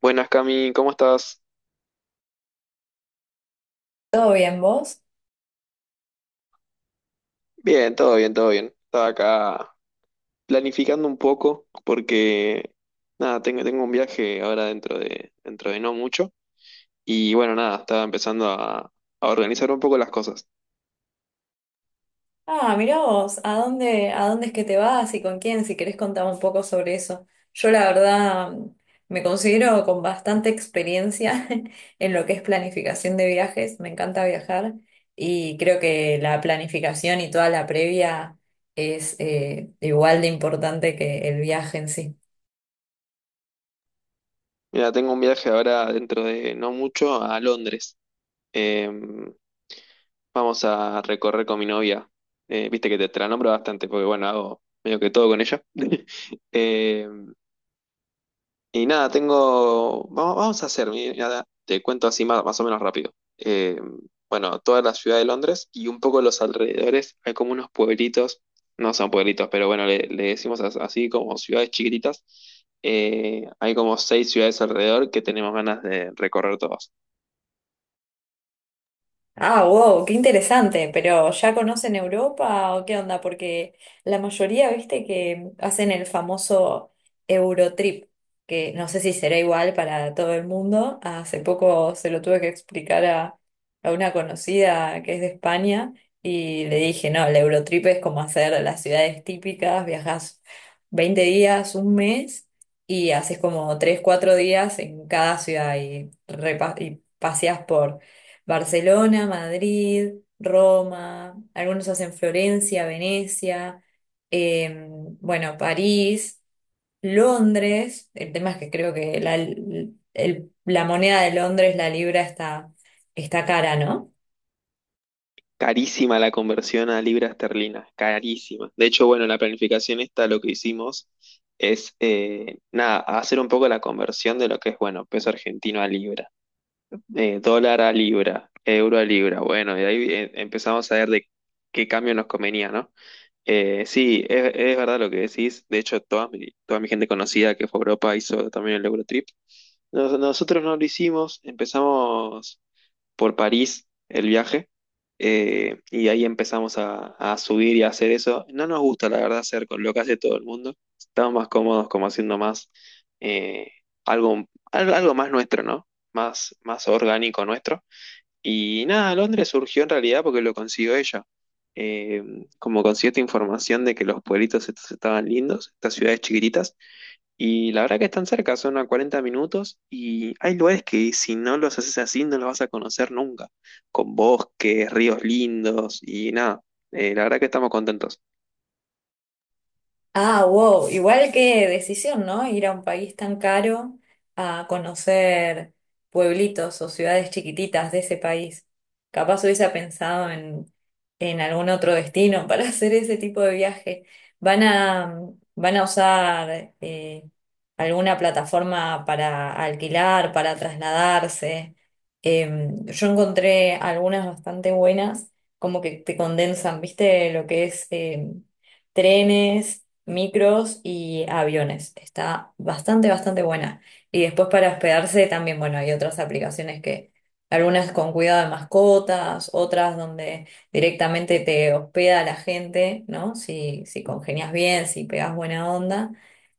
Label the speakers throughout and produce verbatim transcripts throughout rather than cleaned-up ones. Speaker 1: Buenas, Cami, ¿cómo estás?
Speaker 2: ¿Todo bien vos?
Speaker 1: Bien, todo bien, todo bien. Estaba acá planificando un poco porque, nada, tengo, tengo un viaje ahora dentro de, dentro de no mucho. Y bueno, nada, estaba empezando a, a organizar un poco las cosas.
Speaker 2: Ah, mirá vos, ¿a dónde, a dónde es que te vas y con quién? Si querés contar un poco sobre eso. Yo la verdad mm, me considero con bastante experiencia en lo que es planificación de viajes, me encanta viajar y creo que la planificación y toda la previa es eh, igual de importante que el viaje en sí.
Speaker 1: Mira, tengo un viaje ahora dentro de no mucho a Londres. Em, Vamos a recorrer con mi novia. Eh, viste que te, te la nombro bastante porque, bueno, hago medio que todo con ella. Em, Y nada, tengo. Vamos, vamos a hacer, mira, te cuento así más, más o menos rápido. Eh, bueno, toda la ciudad de Londres y un poco los alrededores, hay como unos pueblitos, no son pueblitos, pero bueno, le, le decimos as- así como ciudades chiquititas. Eh, hay como seis ciudades alrededor que tenemos ganas de recorrer todas.
Speaker 2: Ah, wow, qué interesante, pero ¿ya conocen Europa o qué onda? Porque la mayoría, viste, que hacen el famoso Eurotrip, que no sé si será igual para todo el mundo. Hace poco se lo tuve que explicar a, a una conocida que es de España y le dije, no, el Eurotrip es como hacer las ciudades típicas, viajas veinte días, un mes y haces como tres cuatro días en cada ciudad y, repa- y paseas por Barcelona, Madrid, Roma, algunos hacen Florencia, Venecia, eh, bueno, París, Londres. El tema es que creo que la, el- la moneda de Londres, la libra, está, está cara, ¿no?
Speaker 1: Carísima la conversión a libra esterlina, carísima. De hecho, bueno, la planificación esta lo que hicimos es, eh, nada, hacer un poco la conversión de lo que es, bueno, peso argentino a libra. Eh, dólar a libra, euro a libra. Bueno, y ahí eh, empezamos a ver de qué cambio nos convenía, ¿no? Eh, sí, es, es verdad lo que decís. De hecho, toda mi, toda mi gente conocida que fue a Europa hizo también el Eurotrip. Nos- nosotros no lo hicimos, empezamos por París el viaje eh, y ahí empezamos a, a subir y a hacer eso. No nos gusta, la verdad, hacer con lo que hace todo el mundo. Estamos más cómodos como haciendo más eh, algo, al- algo más nuestro, ¿no? Más, más orgánico nuestro. Y nada, Londres surgió en realidad porque lo consiguió ella. Eh, Como consiguió esta información de que los pueblitos estos estaban lindos, estas ciudades chiquititas, y la verdad que están cerca, son a cuarenta minutos y hay lugares que si no los haces así no los vas a conocer nunca, con bosques, ríos lindos y nada, Eh, la verdad que estamos contentos.
Speaker 2: Ah, wow, igual qué decisión, ¿no? Ir a un país tan caro a conocer pueblitos o ciudades chiquititas de ese país. Capaz hubiese pensado en, en algún otro destino para hacer ese tipo de viaje. ¿Van a, ¿Van a usar eh, alguna plataforma para alquilar, para trasladarse? Em, yo encontré algunas bastante buenas, como que te condensan, ¿viste? Lo que es... em, trenes, micros y aviones. Está bastante, bastante buena. Y después para hospedarse también, bueno, hay otras aplicaciones que, algunas con cuidado de mascotas, otras donde directamente te hospeda la gente, ¿no? Si, si congenias bien, si pegas buena onda.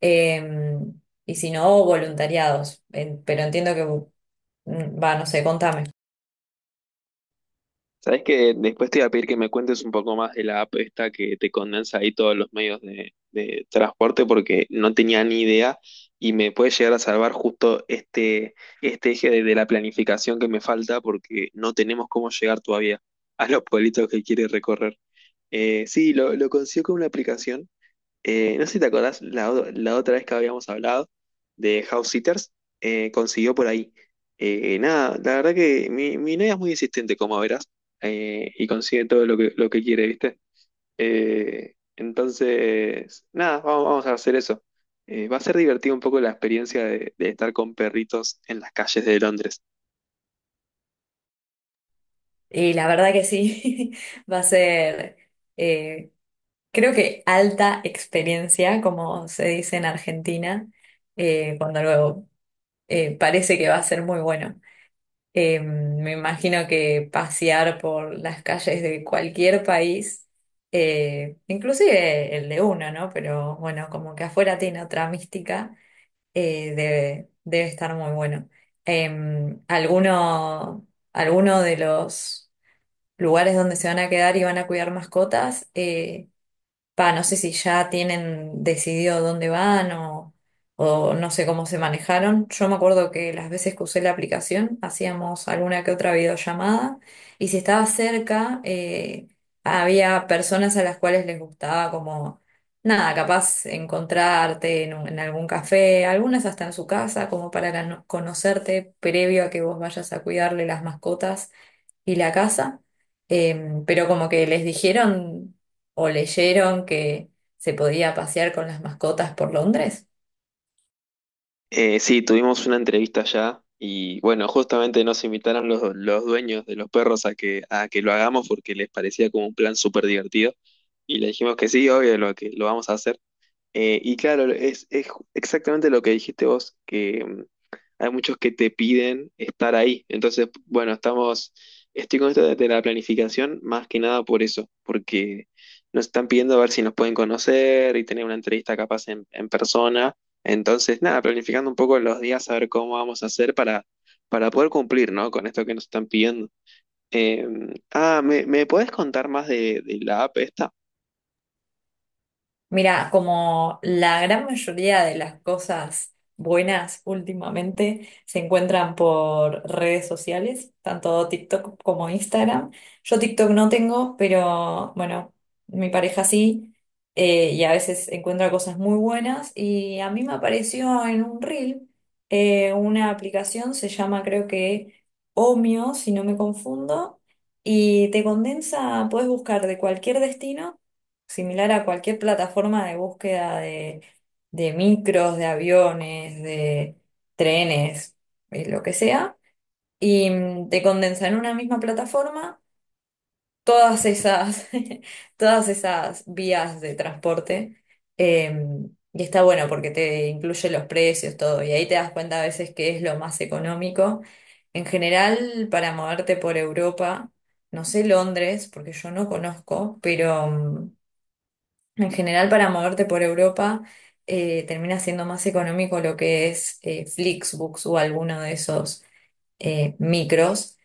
Speaker 2: Eh, y si no, voluntariados. En- pero entiendo que, mm, va, no sé, contame.
Speaker 1: Sabes que después te iba a pedir que me cuentes un poco más de la app esta que te condensa ahí todos los medios de, de transporte porque no tenía ni idea y me puede llegar a salvar justo este, este eje de, de la planificación que me falta porque no tenemos cómo llegar todavía a los pueblitos que quiere recorrer. Eh, sí, lo, lo consiguió con una aplicación. Eh, no sé si te acordás, la, o- la otra vez que habíamos hablado de House Sitters, eh, consiguió por ahí. Eh, nada, la verdad que mi, mi novia es muy insistente, como verás, eh, y consigue todo lo que, lo que quiere, ¿viste? Eh, entonces, nada, vamos, vamos a hacer eso. Eh, va a ser divertido un poco la experiencia de, de estar con perritos en las calles de Londres.
Speaker 2: Y la verdad que sí, va a ser... eh, Creo que alta experiencia, como se dice en Argentina, eh, cuando luego eh, parece que va a ser muy bueno. Eh, me imagino que pasear por las calles de cualquier país, eh, inclusive el de uno, ¿no? Pero bueno, como que afuera tiene otra mística, eh, debe, debe estar muy bueno. Eh, alguno, Alguno de los lugares donde se van a quedar y van a cuidar mascotas. Eh, Pa, no sé si ya tienen decidido dónde van o, o no sé cómo se manejaron. Yo me acuerdo que las veces que usé la aplicación hacíamos alguna que otra videollamada y si estaba cerca eh, había personas a las cuales les gustaba como, nada, capaz encontrarte en, un- en algún café, algunas hasta en su casa como para cano- conocerte previo a que vos vayas a cuidarle las mascotas y la casa, em, pero como que les dijeron o leyeron que se podía pasear con las mascotas por Londres.
Speaker 1: Eh, sí, tuvimos una entrevista ya y bueno, justamente nos invitaron los, los dueños de los perros a que, a que lo hagamos porque les parecía como un plan súper divertido y le dijimos que sí, obvio, lo que lo vamos a hacer. Eh, y claro, es, es ju- exactamente lo que dijiste vos, que mm, hay muchos que te piden estar ahí. Entonces, bueno, estamos, estoy con esto de de la planificación más que nada por eso, porque nos están pidiendo a ver si nos pueden conocer y tener una entrevista capaz en, en persona. Entonces, nada, planificando un poco los días, a ver cómo vamos a hacer para, para poder cumplir, ¿no? Con esto que nos están pidiendo. Eh, ah, ¿me, ¿Me podés contar más de, de la app esta?
Speaker 2: Mira, como la gran mayoría de las cosas buenas últimamente se encuentran por redes sociales, tanto TikTok como Instagram. Yo TikTok no tengo, pero bueno, mi pareja sí, eh, y a veces encuentra cosas muy buenas. Y a mí me apareció en un reel eh, una aplicación, se llama creo que Omio, si no me confundo, y te condensa, puedes buscar de cualquier destino similar a cualquier plataforma de búsqueda de, de micros, de aviones, de trenes, eh, lo que sea, y mm, te condensa en una misma plataforma todas esas, todas esas vías de transporte. eh, y está bueno porque te incluye los precios, todo, y ahí te das cuenta a veces que es lo más económico. En general, para moverte por Europa, no sé Londres, porque yo no conozco, pero mm, en general, para moverte por Europa, eh, termina siendo más económico lo que es eh, Flixbus o alguno de esos eh, micros.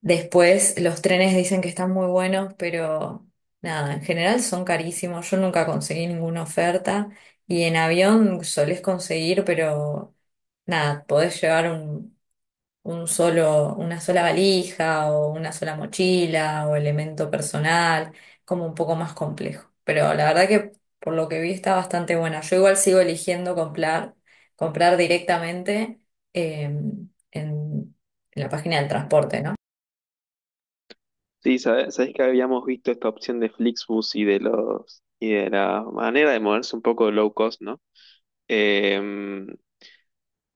Speaker 2: Después, los trenes dicen que están muy buenos, pero nada, en general son carísimos. Yo nunca conseguí ninguna oferta y en avión solés conseguir, pero nada, podés llevar un un solo, una sola valija o una sola mochila o elemento personal, como un poco más complejo. Pero la verdad que por lo que vi está bastante buena. Yo igual sigo eligiendo comprar, comprar directamente eh, en, en la página del transporte, ¿no?
Speaker 1: Sí, sabes, sabés que habíamos visto esta opción de Flixbus y de los y de la manera de moverse un poco low cost, ¿no? Em,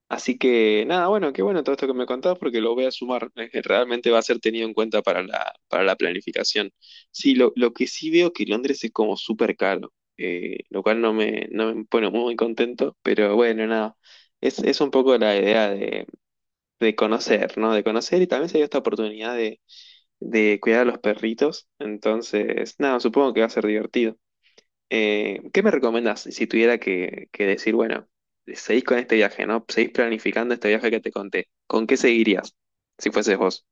Speaker 1: Así que nada, bueno, qué bueno todo esto que me contás porque lo voy a sumar. Eh, que Realmente va a ser tenido en cuenta para la, para la planificación. Sí, lo, lo que sí veo que Londres es como súper caro, eh, lo cual no me, no me pone muy contento, pero bueno, nada. Es, es un poco la idea de, de conocer, ¿no? De conocer y también se dio esta oportunidad de, de cuidar a los perritos. Entonces, nada, supongo que va a ser divertido. Eh, ¿qué me recomendás si tuviera que, que decir, bueno, seguís con este viaje, ¿no? Seguís planificando este viaje que te conté. ¿Con qué seguirías si fueses vos?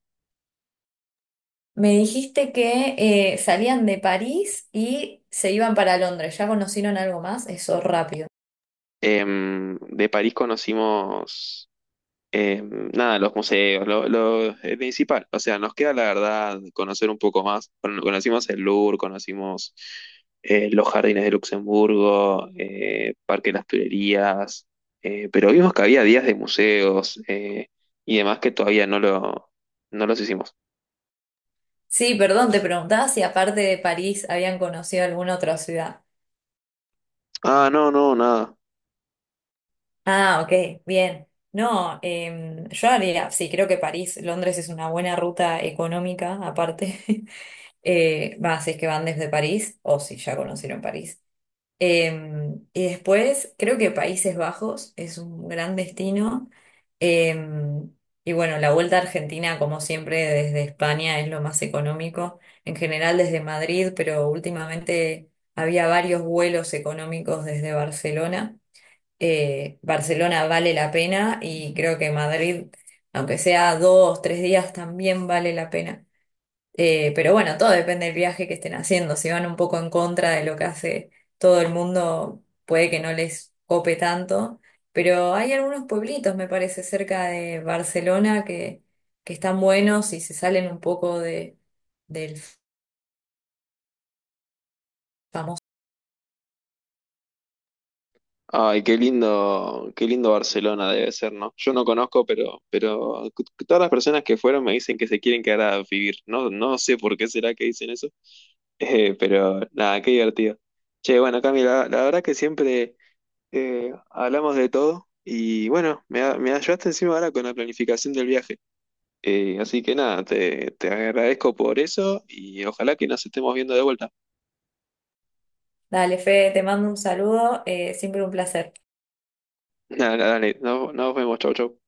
Speaker 2: Me dijiste que eh, salían de París y se iban para Londres. ¿Ya conocieron algo más? Eso rápido.
Speaker 1: Em, de París conocimos Eh, nada, los museos, lo, lo- eh, principal. O sea, nos queda la verdad conocer un poco más. Bueno, conocimos el Louvre, conocimos eh, los jardines de Luxemburgo, eh, Parque de las Tullerías, eh, pero vimos que había días de museos eh, y demás que todavía no lo, no los hicimos.
Speaker 2: Sí, perdón, te preguntaba si aparte de París habían conocido alguna otra ciudad.
Speaker 1: Ah, no, no, nada.
Speaker 2: Ah, ok, bien. No, em, yo haría, sí, creo que París, Londres es una buena ruta económica, aparte. Eh, va, si es que van desde París, o si ya conocieron París. Em, y después, creo que Países Bajos es un gran destino. Em, y bueno, la vuelta a Argentina, como siempre, desde España es lo más económico. En general desde Madrid, pero últimamente había varios vuelos económicos desde Barcelona. Eh, Barcelona vale la pena y creo que Madrid, aunque sea dos, tres días, también vale la pena. Eh, pero bueno, todo depende del viaje que estén haciendo. Si van un poco en contra de lo que hace todo el mundo, puede que no les cope tanto. Pero hay algunos pueblitos, me parece, cerca de Barcelona que, que están buenos y se salen un poco de, del famoso.
Speaker 1: Ay, qué lindo, qué lindo Barcelona debe ser, ¿no? Yo no conozco, pero, pero todas las personas que fueron me dicen que se quieren quedar a vivir. No, no sé por qué será que dicen eso. Eh, pero nada, qué divertido. Che, bueno, Cami, la, la verdad que siempre eh, hablamos de todo y bueno, me, a- me ayudaste encima ahora con la planificación del viaje. Eh, así que nada, te, te agradezco por eso y ojalá que nos estemos viendo de vuelta.
Speaker 2: Dale, Fede, te mando un saludo. Eh, siempre un placer.
Speaker 1: Nada, dale, nos, nos vemos, chau, chau.